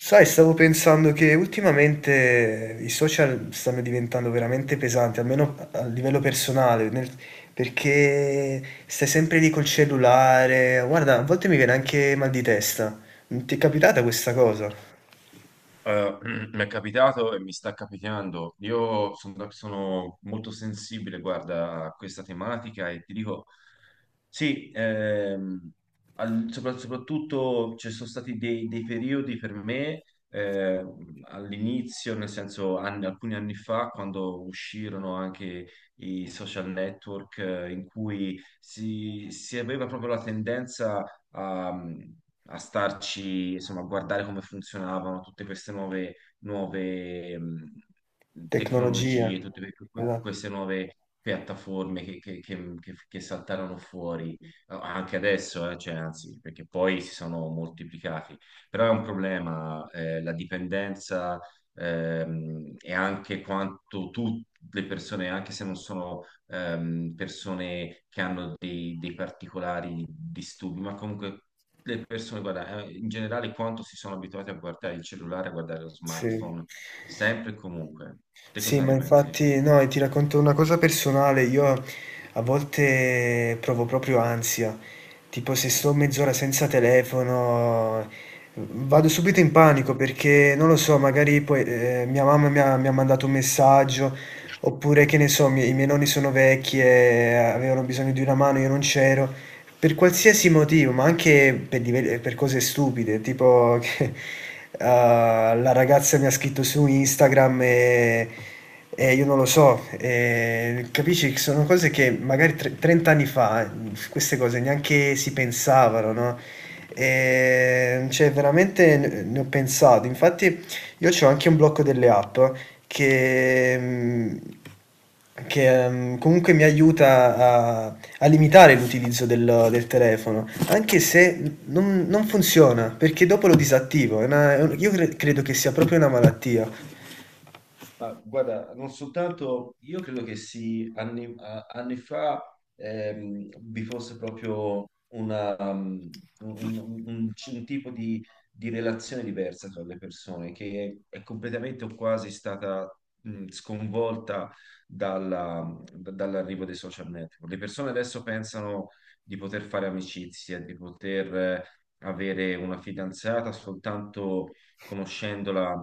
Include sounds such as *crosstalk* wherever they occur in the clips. Sai, stavo pensando che ultimamente i social stanno diventando veramente pesanti, almeno a livello personale, perché stai sempre lì col cellulare. Guarda, a volte mi viene anche mal di testa. Non ti è capitata questa cosa? Eh, *clears throat* mi è capitato e mi sta capitando. Io sono molto sensibile, guarda, a questa tematica e ti dico, sì, soprattutto ci sono stati dei periodi per me all'inizio, nel senso alcuni anni fa, quando uscirono anche i social network in cui si aveva proprio la tendenza a starci, insomma, a guardare come funzionavano tutte queste nuove Tecnologia. tecnologie, tutte Esatto. queste nuove piattaforme che saltarono fuori anche adesso, cioè, anzi, perché poi si sono moltiplicati. Però è un problema, la dipendenza, e anche quanto tutte le persone, anche se non sono persone che hanno dei particolari disturbi, ma comunque le persone, guarda, in generale quanto si sono abituati a guardare il cellulare, a guardare lo Sì. smartphone, sempre e comunque. Te Sì, cosa ma ne pensi? infatti, no, e ti racconto una cosa personale. Io a volte provo proprio ansia. Tipo se sto mezz'ora senza telefono, vado subito in panico perché non lo so, magari poi mia mamma mi ha mandato un messaggio, oppure che ne so, i miei nonni sono vecchi e avevano bisogno di una mano, io non c'ero. Per qualsiasi motivo, ma anche per, per cose stupide, tipo *laughs* che la ragazza mi ha scritto su Instagram e io non lo so, capisci che sono cose che magari 30 anni fa, queste cose neanche si pensavano, no? E, cioè, veramente ne ho pensato. Infatti, io ho anche un blocco delle app che, mm, che comunque mi aiuta a limitare l'utilizzo del telefono, anche se non funziona, perché dopo lo disattivo. È una- è un- io cre- credo che sia proprio una malattia. Ma guarda, non soltanto, io credo che sì, anni fa vi fosse proprio una, um, un, un- un tipo di relazione diversa tra le persone che è completamente o quasi stata sconvolta dall'arrivo dei social network. Le persone adesso pensano di poter fare amicizie, di poter avere una fidanzata soltanto conoscendola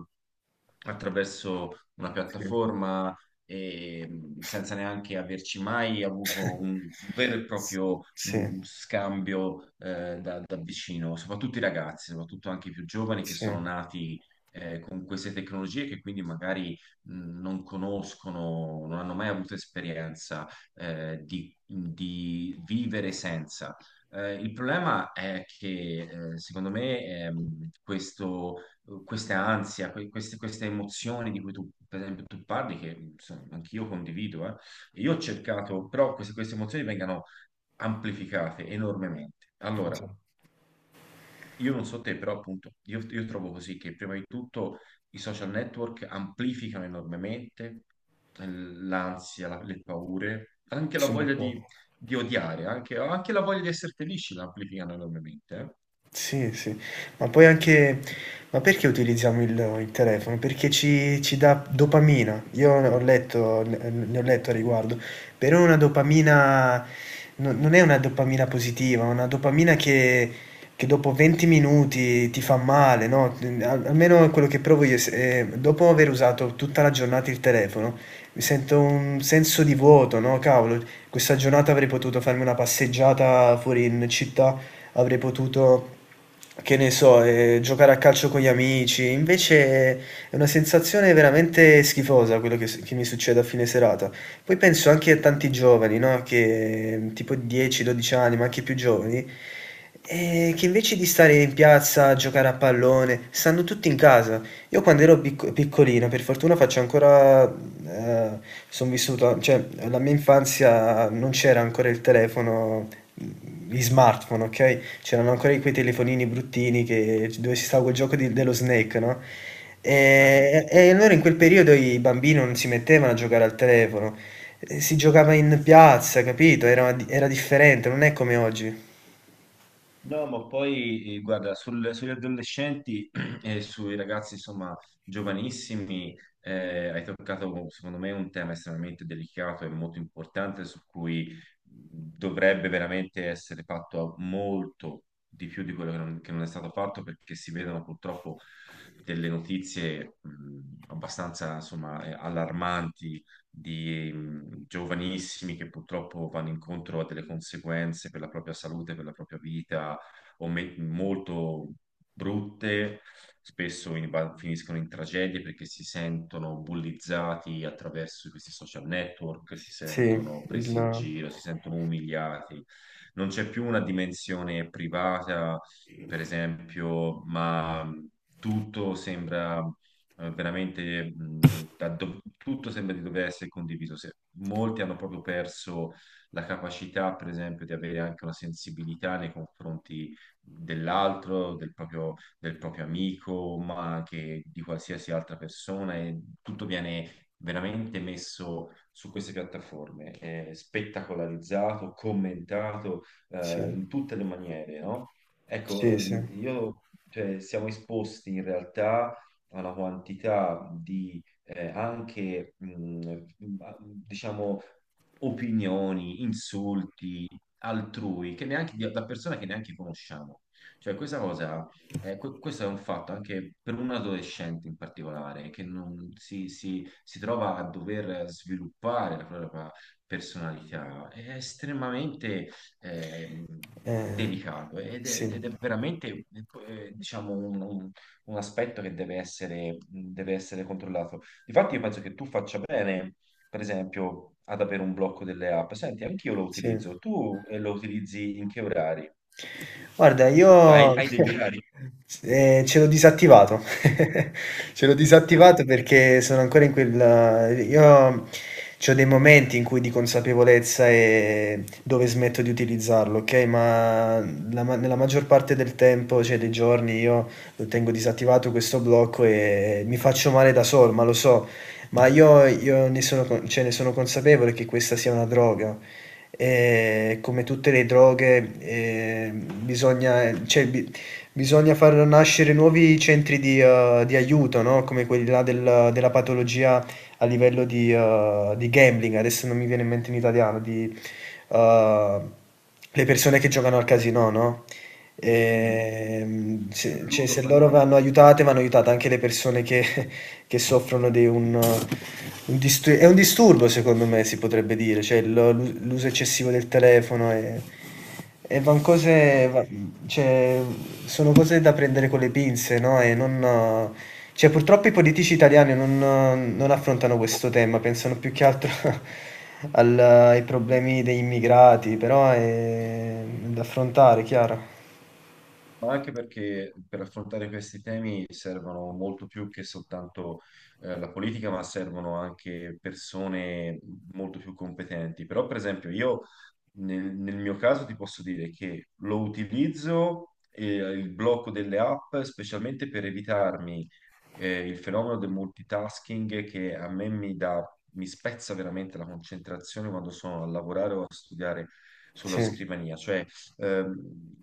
attraverso una Sì. piattaforma e senza neanche averci mai avuto *laughs* un vero e S proprio sì, scambio da vicino, soprattutto i ragazzi, soprattutto anche i più giovani che sì, sono nati con queste tecnologie che quindi magari non conoscono, non hanno mai avuto esperienza di vivere senza. Il problema è che secondo me, questo questa ansia, queste emozioni di cui tu, per esempio, tu parli, che insomma, anch'io condivido, eh. Io ho cercato, però queste emozioni vengano amplificate enormemente. Allora, okay, io non so te, però appunto, io trovo così che prima di tutto i social network amplificano enormemente, l'ansia, le paure, anche la son voglia d'accordo. Di odiare, anche, anche la voglia di essere felici la amplificano enormemente. Sì, sì. Ma poi anche, ma perché utilizziamo il telefono? Perché ci dà dopamina. Io ho letto ne ne ho letto a riguardo, però è una dopamina, no, non è una dopamina positiva, è una dopamina che dopo 20 minuti ti fa male, no, n al almeno quello che provo io s dopo aver usato tutta la giornata il telefono, mi sento un senso di vuoto, no: "Cavolo, questa giornata avrei potuto farmi una passeggiata fuori in città, avrei potuto, che ne so, giocare a calcio con gli amici. Invece è una sensazione veramente schifosa quello che mi succede a fine serata. Poi penso anche a tanti giovani, no? Che tipo 10-12 anni, ma anche più giovani, che invece di stare in piazza a giocare a pallone, stanno tutti in casa. Io quando ero piccolino, per fortuna faccio ancora, eh, sono vissuto, cioè la mia infanzia non c'era ancora il telefono, gli smartphone, ok? C'erano ancora quei telefonini bruttini dove si stava quel gioco dello Snake, no? Eh. *laughs* E allora in quel periodo i bambini non si mettevano a giocare al telefono, si giocava in piazza, capito? Era differente, non è come oggi. No, ma poi guarda, sugli adolescenti *clears throat* e sui ragazzi, insomma, giovanissimi, hai toccato, secondo me, un tema estremamente delicato e molto importante su cui dovrebbe veramente essere fatto molto di più di quello che non è stato fatto, perché si vedono purtroppo delle notizie, abbastanza, insomma, allarmanti di giovanissimi che purtroppo vanno incontro a delle conseguenze per la propria salute, per la propria vita molto brutte, spesso finiscono in tragedie perché si sentono bullizzati attraverso questi social network, si Sì, sentono presi in il giro, si sentono umiliati. Non c'è più una dimensione privata, per esempio, ma tutto sembra veramente tutto sembra di dover essere condiviso. Molti hanno proprio perso la capacità, per esempio, di avere anche una sensibilità nei confronti dell'altro, del proprio amico, ma anche di qualsiasi altra persona e tutto viene veramente messo su queste piattaforme, spettacolarizzato, commentato sì, in tutte le maniere, no? Ecco, sì, sì, io, cioè, siamo esposti in realtà a una quantità di anche, diciamo, opinioni, insulti, altrui, che neanche, da persone che neanche conosciamo. Cioè, questa cosa, questo è un fatto anche per un adolescente in particolare, che non si, si- si trova a dover sviluppare la propria personalità. È estremamente ehm, ehm, delicato sì, ed è veramente, diciamo, un aspetto che deve essere controllato. Difatti, io penso che tu faccia bene, per esempio, ad avere un blocco delle app. Senti, anch'io lo sì. utilizzo. Tu lo utilizzi in che orari? Guarda, Tu io *laughs* hai degli orari? Ce l'ho disattivato. *laughs* Ce l'ho disattivato *laughs* perché sono ancora in quel. Io c'ho dei momenti in cui di consapevolezza, dove smetto di utilizzarlo, okay, ma la ma nella maggior parte del tempo, cioè dei giorni, io lo tengo disattivato questo blocco e mi faccio male da sol ma lo so, ma io ne sono, con cioè, ne sono consapevole che questa sia una droga. Come tutte le droghe, bisogna, cioè, bi bisogna far nascere nuovi centri di di aiuto, no, come quelli là della patologia a livello di gambling, adesso non mi viene in mente in italiano, di eh, le persone che giocano al casino, no? Eh, mm, Se, cioè, se loro Ludopatia. Vanno aiutate anche le persone che, *laughs* che soffrono di un disturbo, secondo me, si potrebbe dire, cioè l'uso eccessivo del telefono è e van Vabbè. cose, cioè, sono cose da prendere con le pinze, no? E non, cioè, purtroppo i politici italiani non affrontano questo tema, pensano più che altro *laughs* ai problemi degli immigrati, però è da affrontare, chiaro. Ma anche perché per affrontare questi temi servono molto più che soltanto la politica, ma servono anche persone molto più competenti. Però, per esempio, io nel mio caso ti posso dire che lo utilizzo, il blocco delle app, specialmente per evitarmi il fenomeno del multitasking che a me mi dà, mi spezza veramente la concentrazione quando sono a lavorare o a studiare sulla Sì, scrivania, cioè ehm,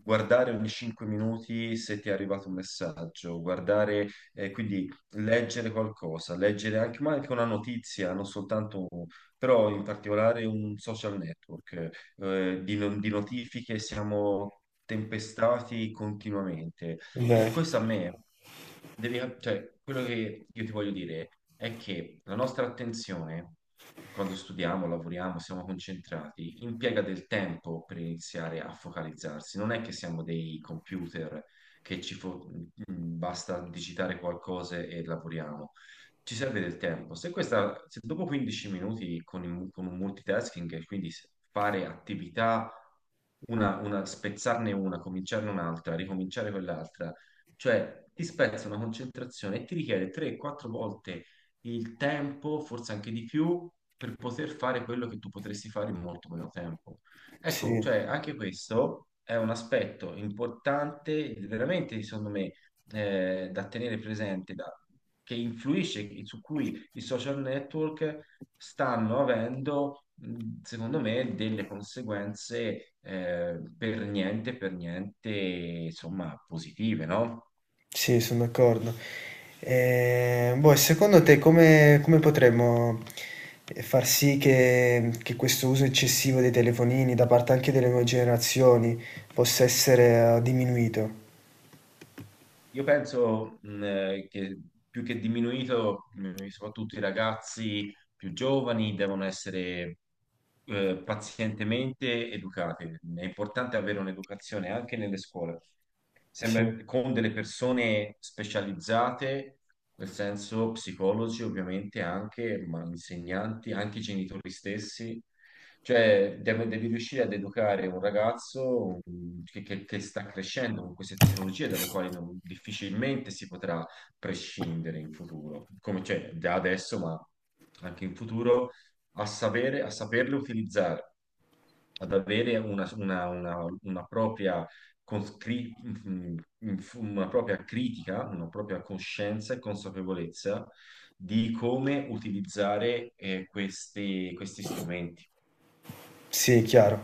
guardare ogni 5 minuti se ti è arrivato un messaggio, guardare, quindi leggere qualcosa, leggere anche, ma anche una notizia, non soltanto, però in particolare un social network, di, no- di notifiche siamo tempestati continuamente. E beh, questo a me, cioè, quello che io ti voglio dire è che la nostra attenzione, quando studiamo, lavoriamo, siamo concentrati, impiega del tempo per iniziare a focalizzarsi. Non è che siamo dei computer che ci fo- mm, mm, basta digitare qualcosa e lavoriamo. Ci serve del tempo. Se dopo 15 minuti con, con un multitasking, quindi fare attività, spezzarne una, cominciarne un'altra, ricominciare quell'altra, cioè, ti spezza una concentrazione e ti richiede 3-4 volte il tempo, forse anche di più, per poter fare quello che tu potresti fare in molto meno tempo. Ecco, cioè, sì. anche questo è un aspetto importante, veramente, secondo me, da tenere presente, che influisce, su cui i social network stanno avendo, secondo me, delle conseguenze per niente, insomma, positive, no? Sì, son d'accordo. Boh, e secondo te come potremmo, far sì che questo uso eccessivo dei telefonini da parte anche delle nuove generazioni possa essere, diminuito? Io penso che più che diminuito, soprattutto i ragazzi più giovani devono essere pazientemente educati. È importante avere un'educazione anche nelle scuole, Sì. sempre con delle persone specializzate, nel senso psicologi ovviamente anche, ma insegnanti, anche i genitori stessi. Cioè, devi riuscire ad educare un ragazzo che sta crescendo con queste tecnologie dalle quali difficilmente si potrà prescindere in futuro, come cioè, da adesso, ma anche in futuro, a sapere, a saperle utilizzare, ad avere una propria, una propria critica, una propria coscienza e consapevolezza di come utilizzare questi strumenti. Sì, chiaro.